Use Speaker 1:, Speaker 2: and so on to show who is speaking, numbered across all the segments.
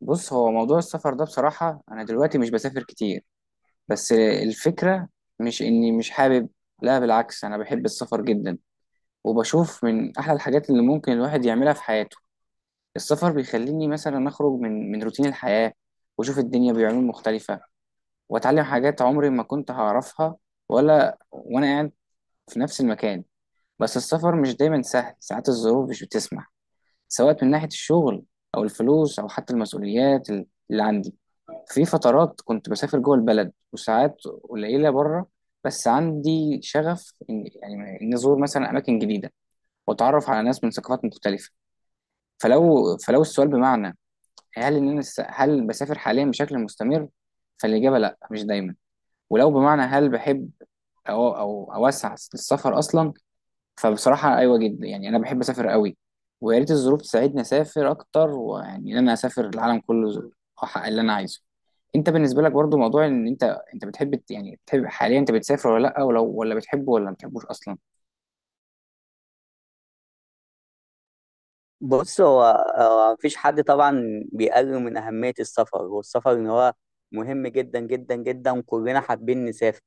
Speaker 1: بص، هو موضوع السفر ده بصراحة أنا دلوقتي مش بسافر كتير. بس الفكرة مش إني مش حابب. لا، بالعكس، أنا بحب السفر جدا، وبشوف من أحلى الحاجات اللي ممكن الواحد يعملها في حياته. السفر بيخليني مثلا أخرج من روتين الحياة، وأشوف الدنيا بعيون مختلفة، وأتعلم حاجات عمري ما كنت هعرفها ولا وأنا قاعد في نفس المكان. بس السفر مش دايما سهل، ساعات الظروف مش بتسمح، سواء من ناحية الشغل أو الفلوس أو حتى المسؤوليات اللي عندي. في فترات كنت بسافر جوه البلد، وساعات قليلة بره. بس عندي شغف إن إن أزور مثلا أماكن جديدة، وأتعرف على ناس من ثقافات مختلفة. فلو السؤال بمعنى هل هل بسافر حاليا بشكل مستمر، فالإجابة لأ، مش دايما. ولو بمعنى هل بحب أو أوسع السفر أصلا، فبصراحة أيوة جدا، يعني أنا بحب أسافر قوي، ويا ريت الظروف تساعدني أسافر أكتر، ويعني إن أنا أسافر العالم كله، أحقق اللي أنا عايزه. أنت بالنسبة لك برضو موضوع إن أنت أنت بتحب بتحب حاليا، أنت بتسافر ولا لأ؟ ولا بتحبه ولا ما بتحبوش أصلا؟
Speaker 2: بص هو مفيش حد طبعا بيقلل من أهمية السفر والسفر إن هو مهم جدا جدا جدا، وكلنا حابين نسافر.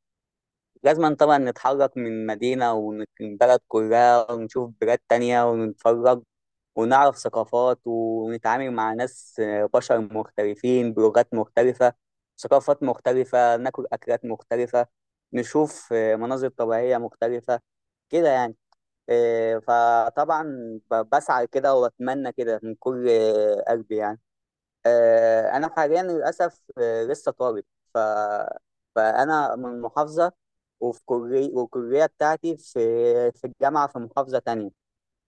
Speaker 2: لازم طبعا نتحرك من من بلد كلها ونشوف بلاد تانية ونتفرج ونعرف ثقافات ونتعامل مع ناس، بشر مختلفين بلغات مختلفة، ثقافات مختلفة، ناكل أكلات مختلفة، نشوف مناظر طبيعية مختلفة، كده يعني. فطبعا بسعى كده واتمنى كده من كل قلبي يعني. انا حاليا للاسف لسه طالب، ف... فانا من محافظه، وفي كليه، والكليه بتاعتي في في الجامعه في محافظه تانية.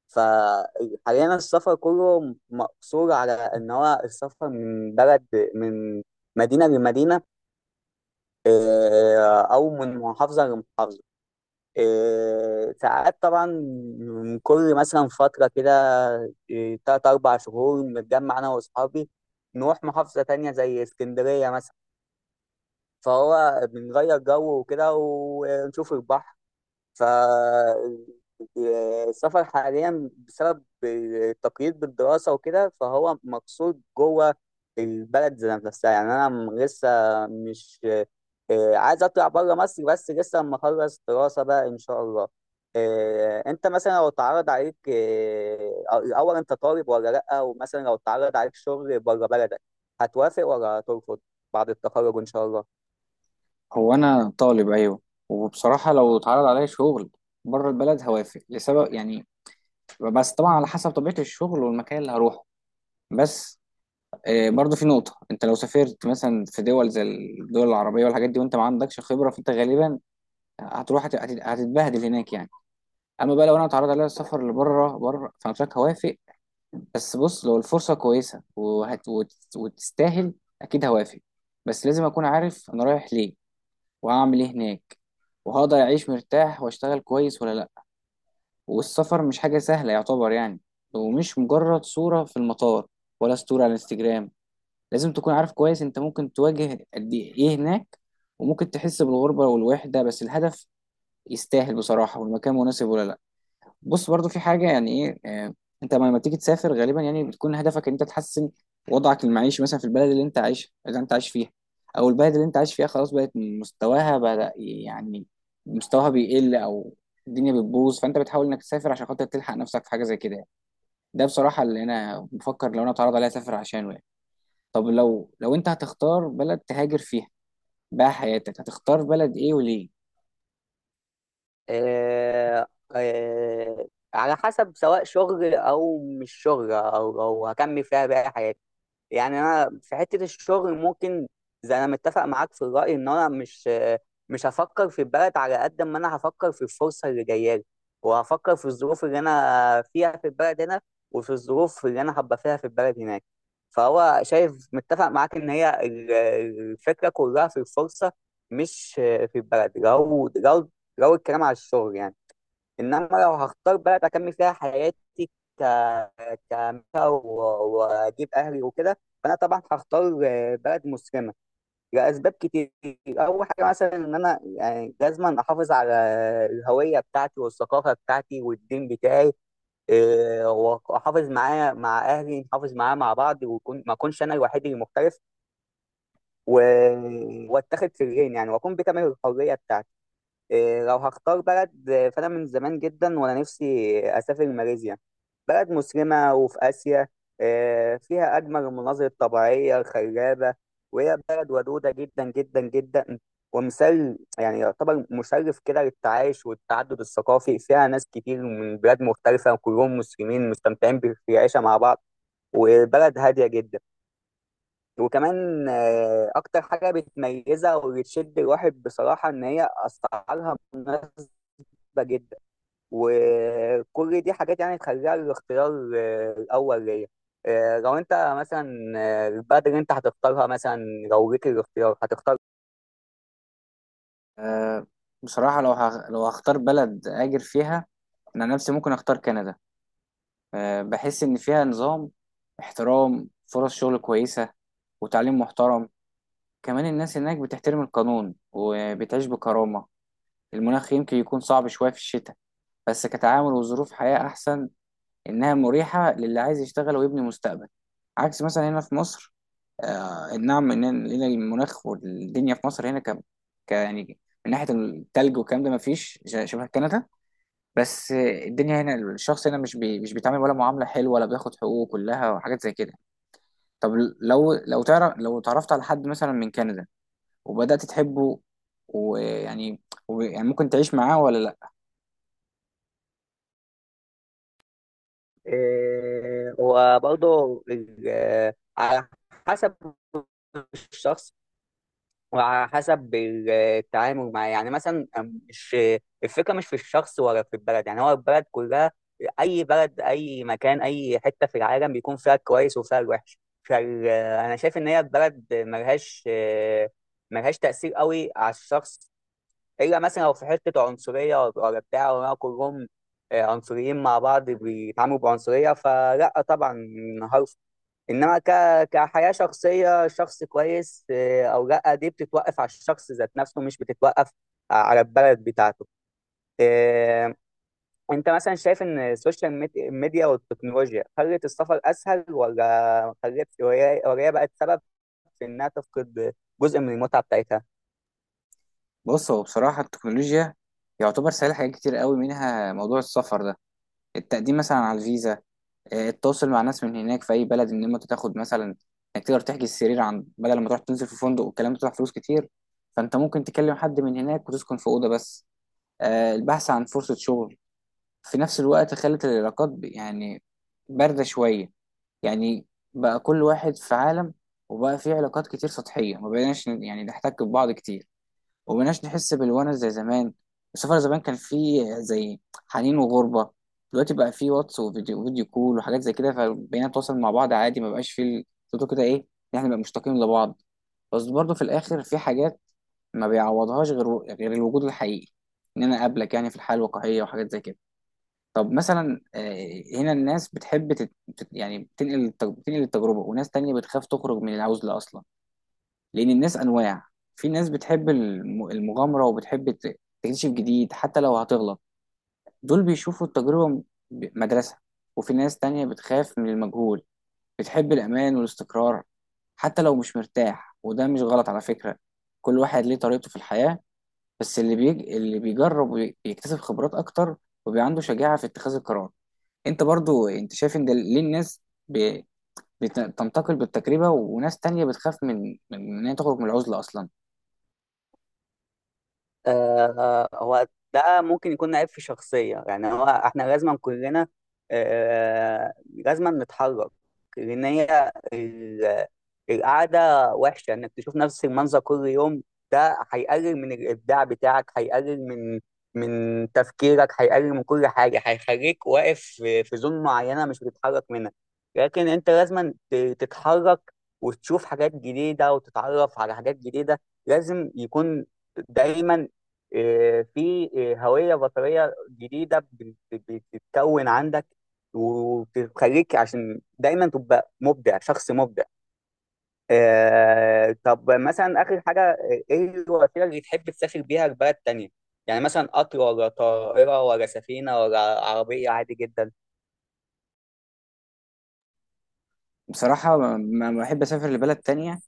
Speaker 2: فحاليا السفر كله مقصور على ان هو السفر من بلد من مدينه لمدينه، او من محافظه لمحافظه. ساعات طبعا من كل مثلا فترة كده، تلات أربع شهور بنتجمع أنا وأصحابي، نروح محافظة تانية زي اسكندرية مثلا، فهو بنغير جو وكده ونشوف البحر. فالسفر حاليا بسبب التقييد بالدراسة وكده فهو مقصود جوه البلد ذات نفسها. يعني أنا لسه مش عايز أطلع بره مصر، بس لسه لما أخلص دراسة بقى إن شاء الله. أنت مثلا لو اتعرض عليك، الأول أنت طالب ولا لأ، ومثلا لو اتعرض عليك شغل بره بلدك، هتوافق ولا هترفض؟ بعد التخرج إن شاء الله.
Speaker 1: هو أنا طالب أيوة، وبصراحة لو اتعرض عليا شغل بره البلد هوافق لسبب يعني. بس طبعا على حسب طبيعة الشغل والمكان اللي هروحه. بس برضو في نقطة، انت لو سافرت مثلا في دول زي الدول العربية والحاجات دي وانت ما عندكش خبرة، فانت غالبا هتروح هت- هت- هتتبهدل هناك يعني. اما بقى لو انا اتعرض عليا السفر لبره، فانا شايف هوافق. بس بص، لو الفرصه كويسه وتستاهل، اكيد هوافق. بس لازم اكون عارف انا رايح ليه، وهعمل ايه هناك، وهقدر اعيش مرتاح واشتغل كويس ولا لا. والسفر مش حاجه سهله يعتبر يعني، ومش مجرد صوره في المطار ولا ستوري على الانستجرام. لازم تكون عارف كويس انت ممكن تواجه قد ايه هناك، وممكن تحس بالغربه والوحده، بس الهدف يستاهل بصراحه، والمكان مناسب ولا لا. بص برضو في حاجة يعني ايه، انت لما تيجي تسافر غالبا يعني بتكون هدفك ان انت تحسن وضعك المعيشي مثلا في البلد اللي انت عايشها، اللي انت عايش فيها، او البلد اللي انت عايش فيها خلاص بقت مستواها بدأ يعني مستواها بيقل، او الدنيا بتبوظ، فانت بتحاول انك تسافر عشان خاطر تلحق نفسك في حاجة زي كده يعني. ده بصراحة اللي انا بفكر لو انا اتعرض عليا اسافر عشانه يعني. طب لو انت هتختار بلد تهاجر فيها بقى حياتك، هتختار بلد ايه وليه؟
Speaker 2: آه، آه، على حسب، سواء شغل او مش شغل، او هكمل فيها باقي حياتي يعني. انا في حته الشغل ممكن، زي انا متفق معاك في الراي، ان انا مش هفكر في البلد على قد ما انا هفكر في الفرصه اللي جايه لي، وهفكر في الظروف اللي انا فيها في البلد هنا، وفي الظروف اللي انا هبقى فيها في البلد هناك. فهو شايف متفق معاك ان هي الفكره كلها في الفرصه، مش في البلد، لو لو الكلام على الشغل يعني. انما لو هختار بلد اكمل فيها حياتي ك كمثل واجيب اهلي وكده، فانا طبعا هختار بلد مسلمه لاسباب كتير. اول حاجه مثلا ان انا يعني لازم احافظ على الهويه بتاعتي والثقافه بتاعتي والدين بتاعي، واحافظ معاه مع اهلي، نحافظ معاه مع بعض، ويكون ما اكونش انا الوحيد المختلف، واتاخد في العين يعني، واكون بكامل الحريه بتاعتي. لو هختار بلد، فأنا من زمان جدا وأنا نفسي أسافر ماليزيا. بلد مسلمة وفي آسيا، فيها أجمل المناظر الطبيعية الخلابة، وهي بلد ودودة جدا جدا جدا، ومثال يعني يعتبر مشرف كده للتعايش والتعدد الثقافي، فيها ناس كتير من بلاد مختلفة وكلهم مسلمين مستمتعين بالعيشة مع بعض، وبلد هادية جدا. وكمان أكتر حاجة بتميزها واللي تشد الواحد بصراحة إن هي أسعارها مناسبة جدا. وكل دي حاجات يعني تخليها الاختيار الأول ليا. لو أنت مثلا، البلد اللي أنت هتختارها مثلا لو ليك الاختيار، هتختار
Speaker 1: آه، بصراحة لو هختار بلد اهاجر فيها، انا عن نفسي ممكن اختار كندا. بحس إن فيها نظام، احترام، فرص شغل كويسة، وتعليم محترم. كمان الناس هناك بتحترم القانون وبتعيش بكرامة. المناخ يمكن يكون صعب شوية في الشتاء، بس كتعامل وظروف حياة أحسن، إنها مريحة للي عايز يشتغل ويبني مستقبل، عكس مثلا هنا في مصر. آه نعم، إن هنا المناخ والدنيا في مصر هنا ك- يعني من ناحية التلج والكلام ده مفيش شبه كندا. بس الدنيا هنا، الشخص هنا مش بي مش بيتعامل ولا معاملة حلوة، ولا بياخد حقوقه كلها وحاجات زي كده. طب لو تعرفت على حد مثلا من كندا، وبدأت تحبه، ويعني و- يعني ممكن تعيش معاه ولا لا؟
Speaker 2: إيه؟ وبرضه ال- آه، على حسب الشخص وعلى حسب التعامل معاه يعني. مثلا مش الفكره مش في الشخص ولا في البلد يعني، هو البلد كلها، اي بلد اي مكان اي حته في العالم بيكون فيها الكويس وفيها الوحش. فانا شايف ان هي البلد ملهاش ملهاش تاثير قوي على الشخص، الا مثلا لو في حته عنصريه ولا بتاع، ولا كلهم عنصريين مع بعض بيتعاملوا بعنصريه، فلا طبعا. انما كحياه شخصيه، شخص كويس او لا، دي بتتوقف على الشخص ذات نفسه، مش بتتوقف على البلد بتاعته. إيه، انت مثلا شايف ان السوشيال ميديا والتكنولوجيا خلت السفر اسهل، ولا خلت وهي بقت سبب في انها تفقد جزء من المتعه بتاعتها؟
Speaker 1: بص، هو بصراحة التكنولوجيا يعتبر سهل حاجات كتير قوي، منها موضوع السفر ده، التقديم مثلا على الفيزا، التواصل مع ناس من هناك في اي بلد، ان انت تاخد مثلا، انك تقدر تحجز سرير عن بدل ما تروح تنزل في فندق والكلام ده بتدفع فلوس كتير، فانت ممكن تكلم حد من هناك وتسكن في اوضه بس، البحث عن فرصة شغل. في نفس الوقت خلت العلاقات باردة شوية يعني، بقى كل واحد في عالم، وبقى في علاقات كتير سطحية، ما بقيناش نحتك ببعض كتير، ومبقناش نحس بالونس زي زمان. السفر زمان كان فيه زي حنين وغربة، دلوقتي بقى فيه واتس وفيديو كول وحاجات زي كده، فبقينا نتواصل مع بعض عادي، ما بقاش فيه صوته كده ايه، إن احنا نبقى مشتاقين لبعض. بس برضه في الاخر في حاجات ما بيعوضهاش غير الوجود الحقيقي، ان انا اقابلك يعني في الحياه الواقعيه وحاجات زي كده. طب مثلا هنا الناس بتحب تت... تت- يعني بتنقل بتنقل التجربه، وناس تانية بتخاف تخرج من العزله اصلا. لان الناس انواع، في ناس بتحب المغامره وبتحب تكتشف جديد حتى لو هتغلط، دول بيشوفوا التجربه مدرسه. وفي ناس تانية بتخاف من المجهول، بتحب الامان والاستقرار حتى لو مش مرتاح، وده مش غلط على فكره، كل واحد ليه طريقته في الحياه. بس اللي بيجرب بيكتسب خبرات اكتر، وبيبقى عنده شجاعه في اتخاذ القرار. انت برضو، انت شايف ان ده ليه الناس ب... بتنتقل بالتجربه، وناس تانية بتخاف من ان هي تخرج من العزله اصلا؟
Speaker 2: هو ده ممكن يكون عيب في شخصية. يعني هو احنا لازم كلنا، لازم نتحرك، لأن هي القعدة وحشة، إنك تشوف نفس المنظر كل يوم ده هيقلل من الإبداع بتاعك، هيقلل من من تفكيرك، هيقلل من كل حاجة، هيخليك واقف في في زون معينة مش بتتحرك منها. لكن أنت لازم تتحرك وتشوف حاجات جديدة وتتعرف على حاجات جديدة. لازم يكون دايما، في هوية بصرية جديدة بتتكون عندك، وبتخليك عشان دايما تبقى مبدع، شخص مبدع. طب مثلا آخر حاجة، إيه الوسيلة اللي تحب تسافر بيها لبلد تانية؟ يعني مثلا قطر ولا طائرة ولا سفينة ولا عربية عادي جدا؟
Speaker 1: بصراحة ما بحب أسافر لبلد تانية.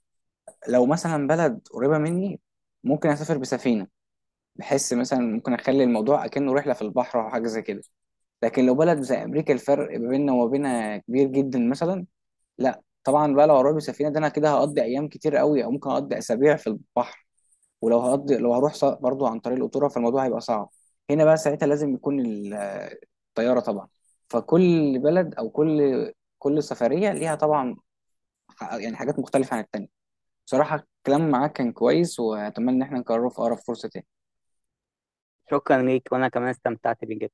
Speaker 1: لو مثلا بلد قريبة مني، ممكن أسافر بسفينة، بحس مثلا ممكن أخلي الموضوع أكنه رحلة في البحر أو حاجة زي كده. لكن لو بلد زي أمريكا، الفرق ما بيننا وما بينها كبير جدا مثلا، لا طبعا بقى. لو هروح بسفينة ده أنا كده هقضي أيام كتير قوي، أو ممكن أقضي أسابيع في البحر. ولو هقضي، لو هروح برضو عن طريق القطورة، فالموضوع هيبقى صعب. هنا بقى ساعتها لازم يكون الطيارة طبعا. فكل بلد، أو كل سفرية ليها طبعا حاجات مختلفة عن التانية. بصراحة الكلام معاك كان كويس، وأتمنى إن احنا نكرره في أقرب فرصة تاني.
Speaker 2: شكرا ليك وأنا كمان استمتعت بيك جدا.